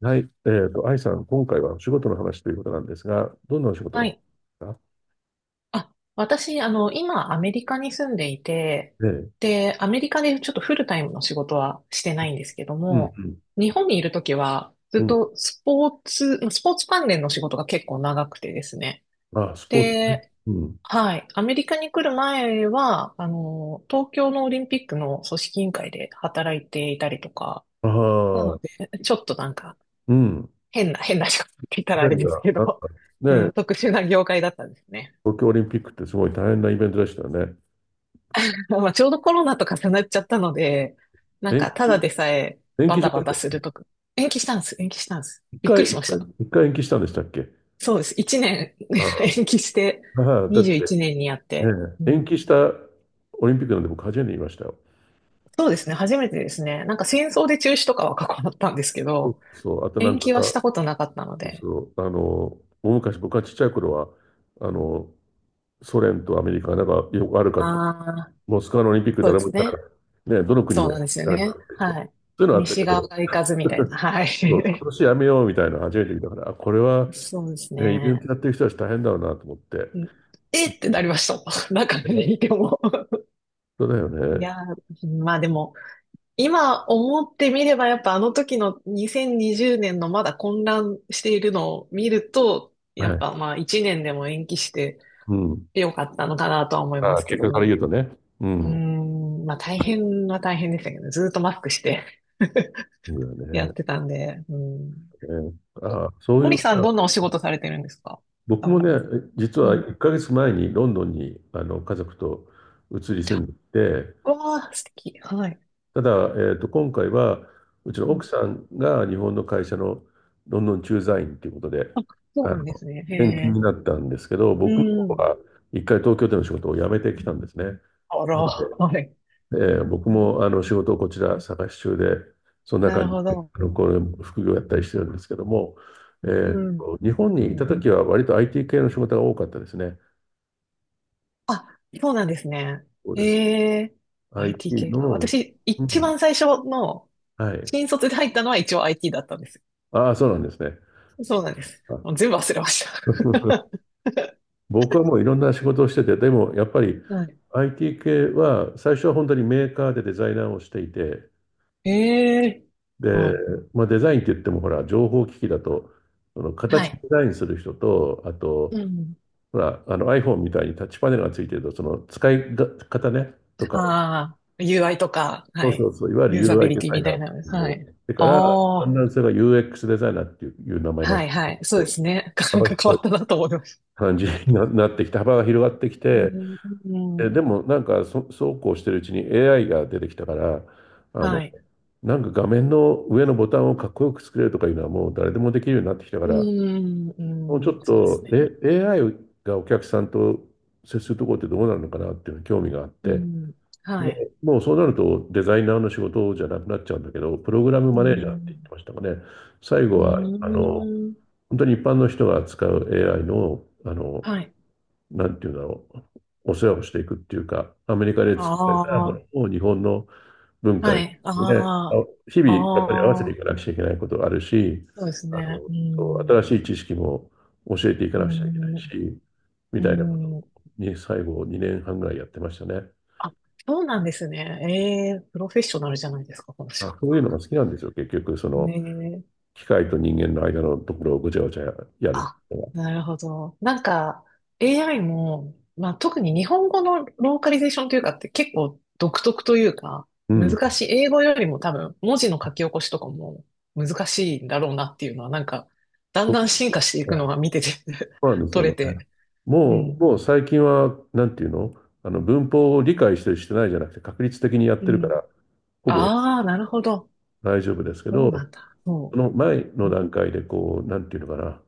はい。愛さん、今回はお仕事の話ということなんですが、どんなお仕事はの話でい。すか？私、今、アメリカに住んでいて、ええ。で、アメリカでちょっとフルタイムの仕事はしてないんですけどうも、ん、日本にいるときは、ずうん、っうん。とスポーツ関連の仕事が結構長くてですね。あ、スポーツね。で、うん。はい。アメリカに来る前は、東京のオリンピックの組織委員会で働いていたりとか、あなのあ、で、ちょっとうん。変な仕事って言ったいらやあいれや、ですけなんど、かうん、ね、特殊な業界だったんですね。東京オリンピックってすごい大変なイベントでしたよね。まあ、ちょうどコロナと重なっちゃったので、なん延、か、ただでさえ延バ期しタまバしタた。するとか、延期したんです。びっくりしました。一回延期したんでしたっけ？そうです。1年 あ あ、延期して、ああだって、21年にやって、ね、う延ん。期したオリンピックなんて僕初めて見ましたよ。そうですね、初めてですね。なんか戦争で中止とかは過去だったんですけそうど、そう、あとなん延か期はしさ、たことなかったのそうで。そう、大昔僕がちっちゃい頃は、あの、ソ連とアメリカが仲良く悪かった。ああ、モスクワのオリンピックそう誰でもす行かなかね。った。ね、どの国そもうやなんですよらなね。かったりとか。そはい。ういうのあった西け側ど、が行かずみたい な。は今い。年やめようみたいなの初めて見たから、あ、これは、そうですね、イベントやね。ってる人たち大変だろうなと思って。うん、えってなりました。中にいね、ても。そうだよいね。やー、まあでも、今思ってみればやっぱあの時の2020年のまだ混乱しているのを見ると、はやっい。ぱまあ1年でも延期してうん。よかったのかなとは思いまあ、すけ結ど果からね。言うとね。ううーん。ん、まあ大変は大変でしたけどね、ずーっとマスクして そうだ やよっね。てたんで、うん。ね、のあそうのいう、りさんあ、どんなお仕事されてるんですか？僕あ、もごめね、んなさ実い。はうん。1ヶ月前にロンドンに家族と移り住んでて、うわあ、素敵。はい。ただ、今回は、うちのう奥ん、さんが日本の会社のロンドン駐在員ということで、そうあなんでの、すね。へ転勤になえ。ったんですけど、う僕の方はん。一回東京での仕事を辞めてきたんですね。なあら、ので、はい。僕も仕事をこちら探し中で、そんなな感るほじで、ど。これ副業やったりしてるんですけども、うん。日本うにいたん、時は割と IT 系の仕事が多かったですね。あ、そうなんですね。そうです。ええ、 IT IT 系か。の、私、う一ん、番最初の、はい。新卒で入ったのは一応 IT だったんですああ、そうなんですね。よ。そうなんです。あ、 もう全部忘れまし た。僕はもういろんな仕事をしてて、でもやっぱり はい。IT 系は最初は本当にメーカーでデザイナーをしていて、ええ、で、はい。まあ、デザインって言ってもほら、情報機器だと、そのは形デい。ザインする人と、あうと、ん。ほら、あの iPhone みたいにタッチパネルがついてると、その使いが方ね、とかを、ああ、UI とか、そうはそい。うそう、いわゆる ユーザビ UI リデティザイみナたーいっなの。ていうのはをい。やってから、だあんだんあ、それが UX デザイナーっていう、名前になっはて、いはい。そうですね。なん幅か変わっ広いたなと思いました。感じにななってきて、幅が広がってきうて、ん、うん、でもなんかそうこうしてるうちに AI が出てきたから、あはの、い。なんか画面の上のボタンをかっこよく作れるとかいうのはもう誰でもできるようになってきたかうら、ん、もうちょうん、っそうですと、ね。AI がお客さんと接するところってどうなるのかなっていうのに興味があっうて、ん。はもい。もうそうなるとデザイナーの仕事じゃなくなっちゃうんだけど、プログラムうマネージャーって言ってん。ましたかね。最後うーは、ん。本当に一般の人が使う AI の、はい。なんていうんだろう、お世話をしていくっていうか、アメリカであ作られたもあ。のを日本の文化に、はい。ね、あ、ああ。日々やっぱり合わせあていかなあ。くちゃいけないことがあるし、そうですあね。の、うそう、新ん。しい知識も教えていかうなくちゃいけないん。し、みうたいなことん。に最後2年半ぐらいやってましたね。あ、そうなんですね。ええプロフェッショナルじゃないですか、この仕事。あ、そういうのが好きなんですよ、結局、その、ね、機械と人間の間のところをごちゃごちゃやるあ、っていうのは。なるほど。AI も、まあ、特に日本語のローカリゼーションというかって結構独特というか、うん、難しい。英語よりも多分、文字の書き起こしとかも難しいんだろうなっていうのは、なんか、だそんうでだん進化していくすのね。が見てて そうなん ですよ取ね。れて。うん。もう最近は、なんていうの、文法を理解してる、してないじゃなくて、確率的にやっうてるかん。ら、ほぼああ、なるほど。大丈夫ですけそうなど、んだ。そその前う。の段階で、こう、なんていうのかな。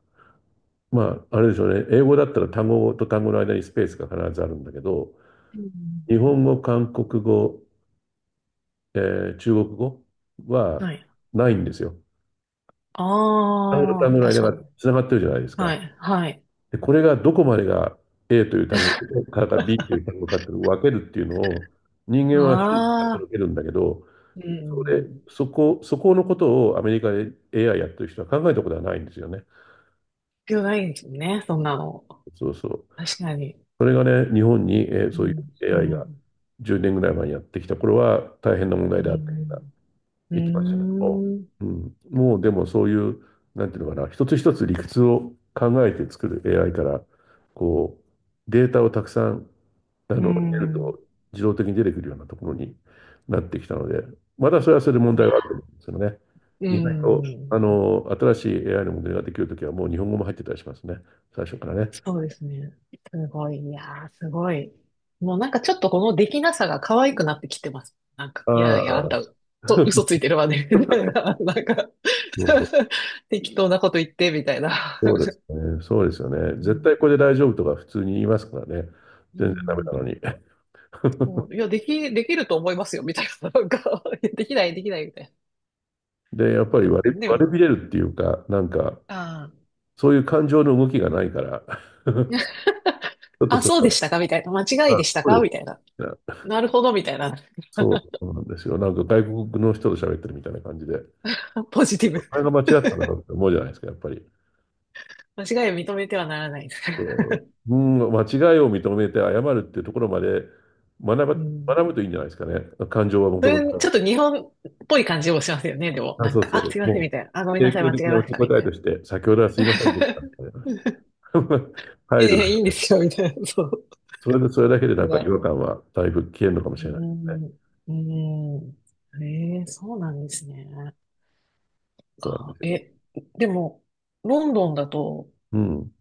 まあ、あれでしょうね。英語だったら単語と単語の間にスペースが必ずあるんだけど、うん。日本語、韓国語、え中国語ははい。ないんですよ。単語とあ単あ、語の確間かがに。つながってるじゃないですはか。い。はい。で、これがどこまでが A という単語からか B という単語かっていうのを分けるっていうのを人間は瞬時にああ、届けるんだけど、うん。そこのことをアメリカで AI やってる人は考えたことはないんですよね。必要ないですよね、そんなの。そうそう。確かに。それがね、日本に、うそういう ん、う AI がん、10年ぐらい前にやってきた頃は大変な問う題であった。ん、う行きましたけど、ん、ううん、もうでもそういう、なんていうのかな、一つ一つ理屈を考えて作る AI から、こう、データをたくさん、ー入れるん、うとん、自動的に出てくるようなところになってきたので、まだそれはそれで問い題や、はあると思うんですよね。う意外と、ん、新しい AI のモデルができるときはもう日本語も入ってたりしますね。最初からね。そうですね。すごい、いやー、すごい。もうなんかちょっとこのできなさが可愛くなってきてます。なんか、いあやいや、あんあ、た、と、嘘つ いてるわね、みたいな。なんか そう 適当なこと言って、みたいな。そうですね。そうですよね。う絶対ん、これで大丈夫とか普通に言いますからね。う全然ダメん、なのに。そ う、いや、できると思いますよ、みたいな。なんか、いやできない、できない、みたいで、やっぱりな。でも割れね、びれるっていうか、なんか、あそういう感情の動きがないから、ちあ。ょっとあ、そそうでしこたかみたいな。間違いは、あ、でしたそうかでみたいな。すね。なるほどみたいな。そうそうなんですよ。なんか外国の人と喋ってるみたいな感じで、ポジティブ。あれが間違ったんだろうって思うじゃないですか、やっぱり。間違いを認めてはならない。そう、うん、間違いを認めて謝るっていうところまで学うん。学ぶといいんじゃないですかね。感情はもそともとれ、ちだょっかと日本っぽい感じもしますよね。でも、ら。あ、なんそうか、そあ、う。すいません、もみう、たいな。あ、ごめん定なさい、型間違的えなま受しけた、み答たえいな。として、先ほどはすいませんでした。み たいな い入やいる。や、いいんですよ、みたいな。そう。それで、それだけそでなこんか違が。和感はだいぶ消えるのかもしうーれないですね。ん。うーん。ええ、そうなんですね。そうなんでか、すよ。え、でも、ロンドンだと、うん。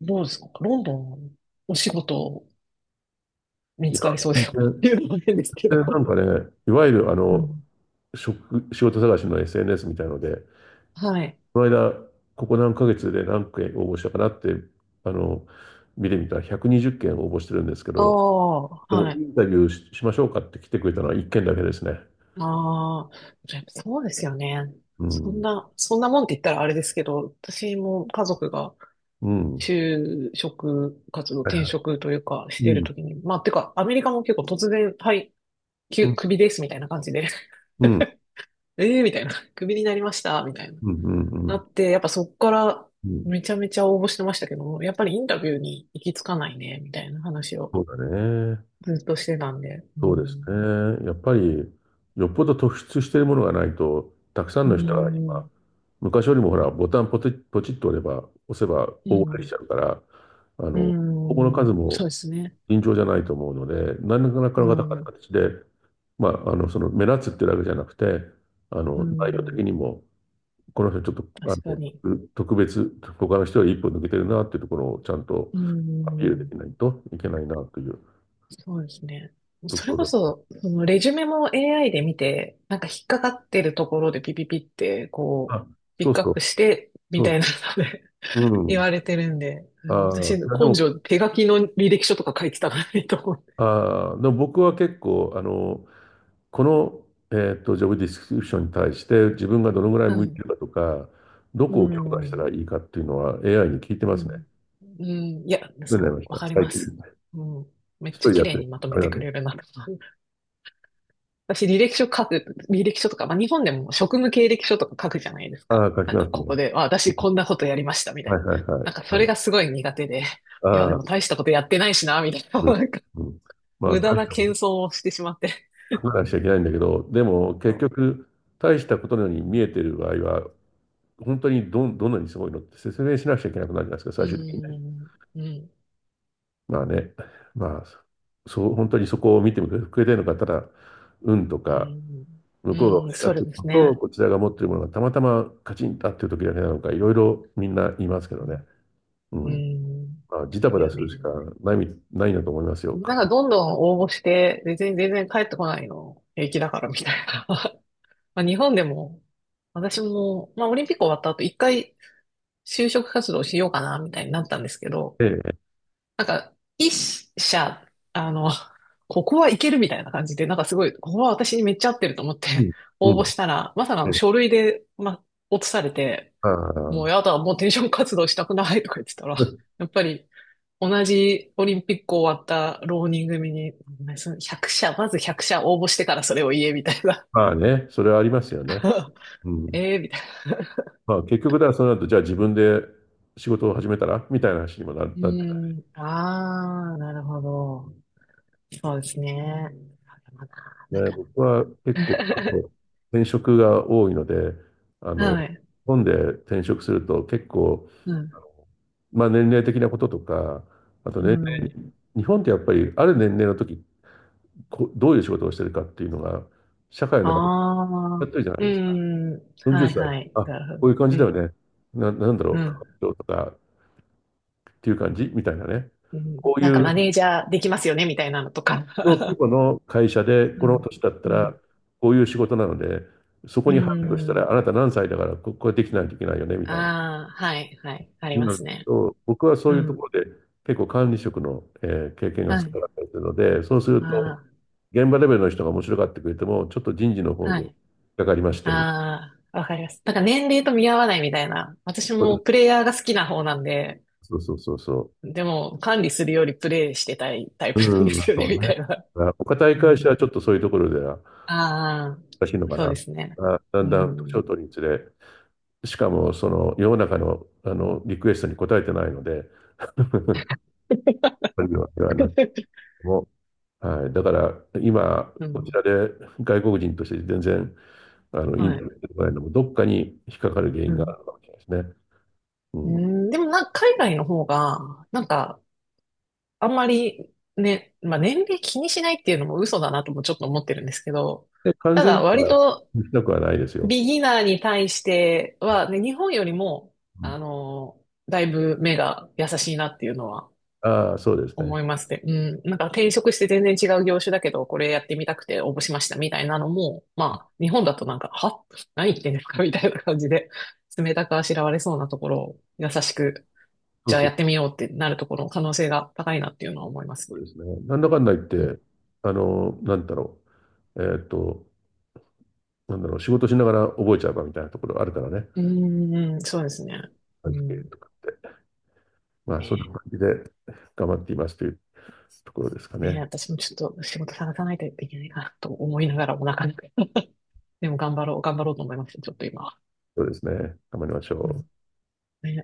どうですかロンドン、お仕事見いや、つかりそうですか全って然いうのも変ですけど。なんかね、いわゆるうん。仕事探しの SNS みたいので、はい。この間、ここ何ヶ月で何件応募したかなって、あの、見てみたら120件応募してるんですけあど、あ、ではもイい。ンタビューし、しましょうかって来てくれたのは1件だけですね。ああ、でもそうですよね。うそんん。な、そんなもんって言ったらあれですけど、私も家族がうん。就職活動、はい転は職というかしい。てるうん。ときに、まあ、てか、アメリカも結構突然、はい、きうゅ、ん。クビですみたいな感じで、うん。ええみたいな、クビになりましたみたいな。うん。うん。うなん。って、やっぱそっからうん、めちゃめちゃ応募してましたけど、やっぱりインタビューに行き着かないね、みたいな話そをうだね。ずっとしてたんで。うそうですん。ね。やっぱり、よっぽど突出しているものがないと、たくさんうの人が今、ん、昔よりもほら、ボタンポチ、ポチッと押せばう大募できん、ちゃうから、あうの、応募の数ん、もそうですね。尋常じゃないと思うので、何らかうのん、形で、まあ、その目立つってだけじゃなくて、う内容的ん、にも、この人ちょっと、確かに。特別、他の人より一歩抜けてるなっていうところをちゃんとうアピールでん、きないといけないなというそうですね。とそこれころだ。そ、そのレジュメも AI で見て、なんか引っかかってるところでピピピって、こあ、う、ピそッうクアそッう。プして、みたいなので う 言わん。れてるんで、ああのあ、私、い根やでも、性、手書きの履歴書とか書いてたからいいと思って。ああ、でも僕は結構、この、ジョブディスクリプションに対して自分がどのぐらいは向いてい。るかとか、どうこを強化したん。らいいかっていうのは AI に聞いてうますね。ん。うん。いや、どうなりそましう、わたかり最ま近。一す。うん。めっ人ちゃでや綺っ麗てる。にまとあめれてだくと。れるなとか。私、履歴書書く、履歴書とか、まあ、日本でも職務経歴書とか書くじゃないですあか。あ、書きなんまか、すね。ここで、あ、う私ん、こんなことやりました、みたはいいな。はいはい。なんか、そはれい、がすごい苦手で、いや、でああ、も大したことやってないしな、みたいな。うん。なんか、うん。まあ、無駄大しなたこ謙と遜をしてしまって。書かなくちゃいけないんだけど、でも結そ局、大したことのように見えてる場合は、本当にどんなにすごいのって説明しなくちゃいけなくなるじゃないですか、う。最う終的にね。ん。うん。まあね、まあ、そう、本当にそこを見てくれてるのか、ただ、運とうか、ん。向こうが欲うん。しかっそうたもでのすね。と、こちらが持ってるものがたまたまカチンと合ってる時だけなのか、いろいろみんな言いますけうどね。ん。ううん。ん。まあ、でジタすバタよするしかね。ないなと思いますよ。なんかどんどん応募して、別に全然帰ってこないの平気だからみたいな。まあ日本でも、私も、まあオリンピック終わった後一回就職活動しようかなみたいになったんですけど、ええ。なんか一社、あの、ここはいけるみたいな感じで、なんかすごい、ここは私にめっちゃ合ってると思っうてん。応う募ん。したら、まさかえのえ。書類で、まあ、落とされて、あもうあ。やだ、もう転職活動したくないとか言ってたら、やっぱり同じオリンピック終わった浪人組に、その100社、まず100社応募してからそれを言え、みたいな。まあね、それはありますよね。うん。ええ、みたいな。まあ結局だらその後、じゃあ自分で仕事を始めたらみたいな話にもな うっ、ーん、ああ、なるほど。そうですね。あでもな、なんね、か、僕は結構 転職が多いので、あの、はい。日本で転職すると結構、うん。まあ年齢的なこととか、あうと年齢、ん。日本ってやっぱりある年齢の時、こどういう仕事をしてるかっていうのが、社会あの中でやっあ。てるじゃなういですか。ん。40はい歳、はい。あ、なこるほういど。う感うじだよん。ね。なんだろうう、ん。とかっていう感じみたいなね。うん。こうなんいかマうネージャーできますよねみたいなのとか。の規 模の会社で、うこのん。年だったうら、ん。こういう仕事なので、そこうに入るとしたん。ら、あなた何歳だから、ここれできないといけないよね、みたいな。ああ、はい、はい、ありにまなするね。と、僕はそうういうとこん。ろで、結構管理職の、経験がは少ない。かったりするので、そうすると、あ現場レベルの人が面白がってくれても、ちょっと人事のあ、方はで引っい。かかりまして、ああ、わかります。なんか年齢と見合わないみたいな。私そうもでプレイヤーが好きな方なんで、す、でも管理するよりプレイしてたいタイプなんでうすん、よそね、うみね。たいな。だからお堅いう会社はん。ちょっとそういうところではああ、難しいのかそうでな。すね。あ、だんうだん年をん。取るにつれ、しかも、その世の中の、あのリクエストに応えてないので、 はなく も、はい、だから今、うこちん。らで外国人として全然あのインはタビューい。してもらえるのも、どっかに引っかかる原う因があん。るかもしれないですね。ううん、ん、でもなんか海外の方が、なんかあんまりね、まあ、年齢気にしないっていうのも嘘だなともちょっと思ってるんですけど、で、完た全だに割はと行きたくはないですよ。ビギナーに対しては、ね、日本よりも、うあん、の、だいぶ目が優しいなっていうのはああ、そうですね。思いますね。うん。なんか転職して全然違う業種だけど、これやってみたくて応募しましたみたいなのも、まあ、日本だとなんか、は、何言ってんですかみたいな感じで、冷たくあしらわれそうなところを優しく、そじうゃあそやう、ってみようってなるところの可能性が高いなっていうのは思いますそうですね。なんだかんだ言っね。て、なんだろう、えーっーと、なんだろう、仕事しながら覚えちゃうかみたいなところあるからね、うーん、そうですね。背う景ん。とかって。まあ、そんなね、感じで頑張っていますというところですかね、ね。私もちょっと仕事探さないといけないなと思いながらもなかなか。でも頑張ろうと思います。ちょっと今。そうですね。頑張りましょうん。う。ね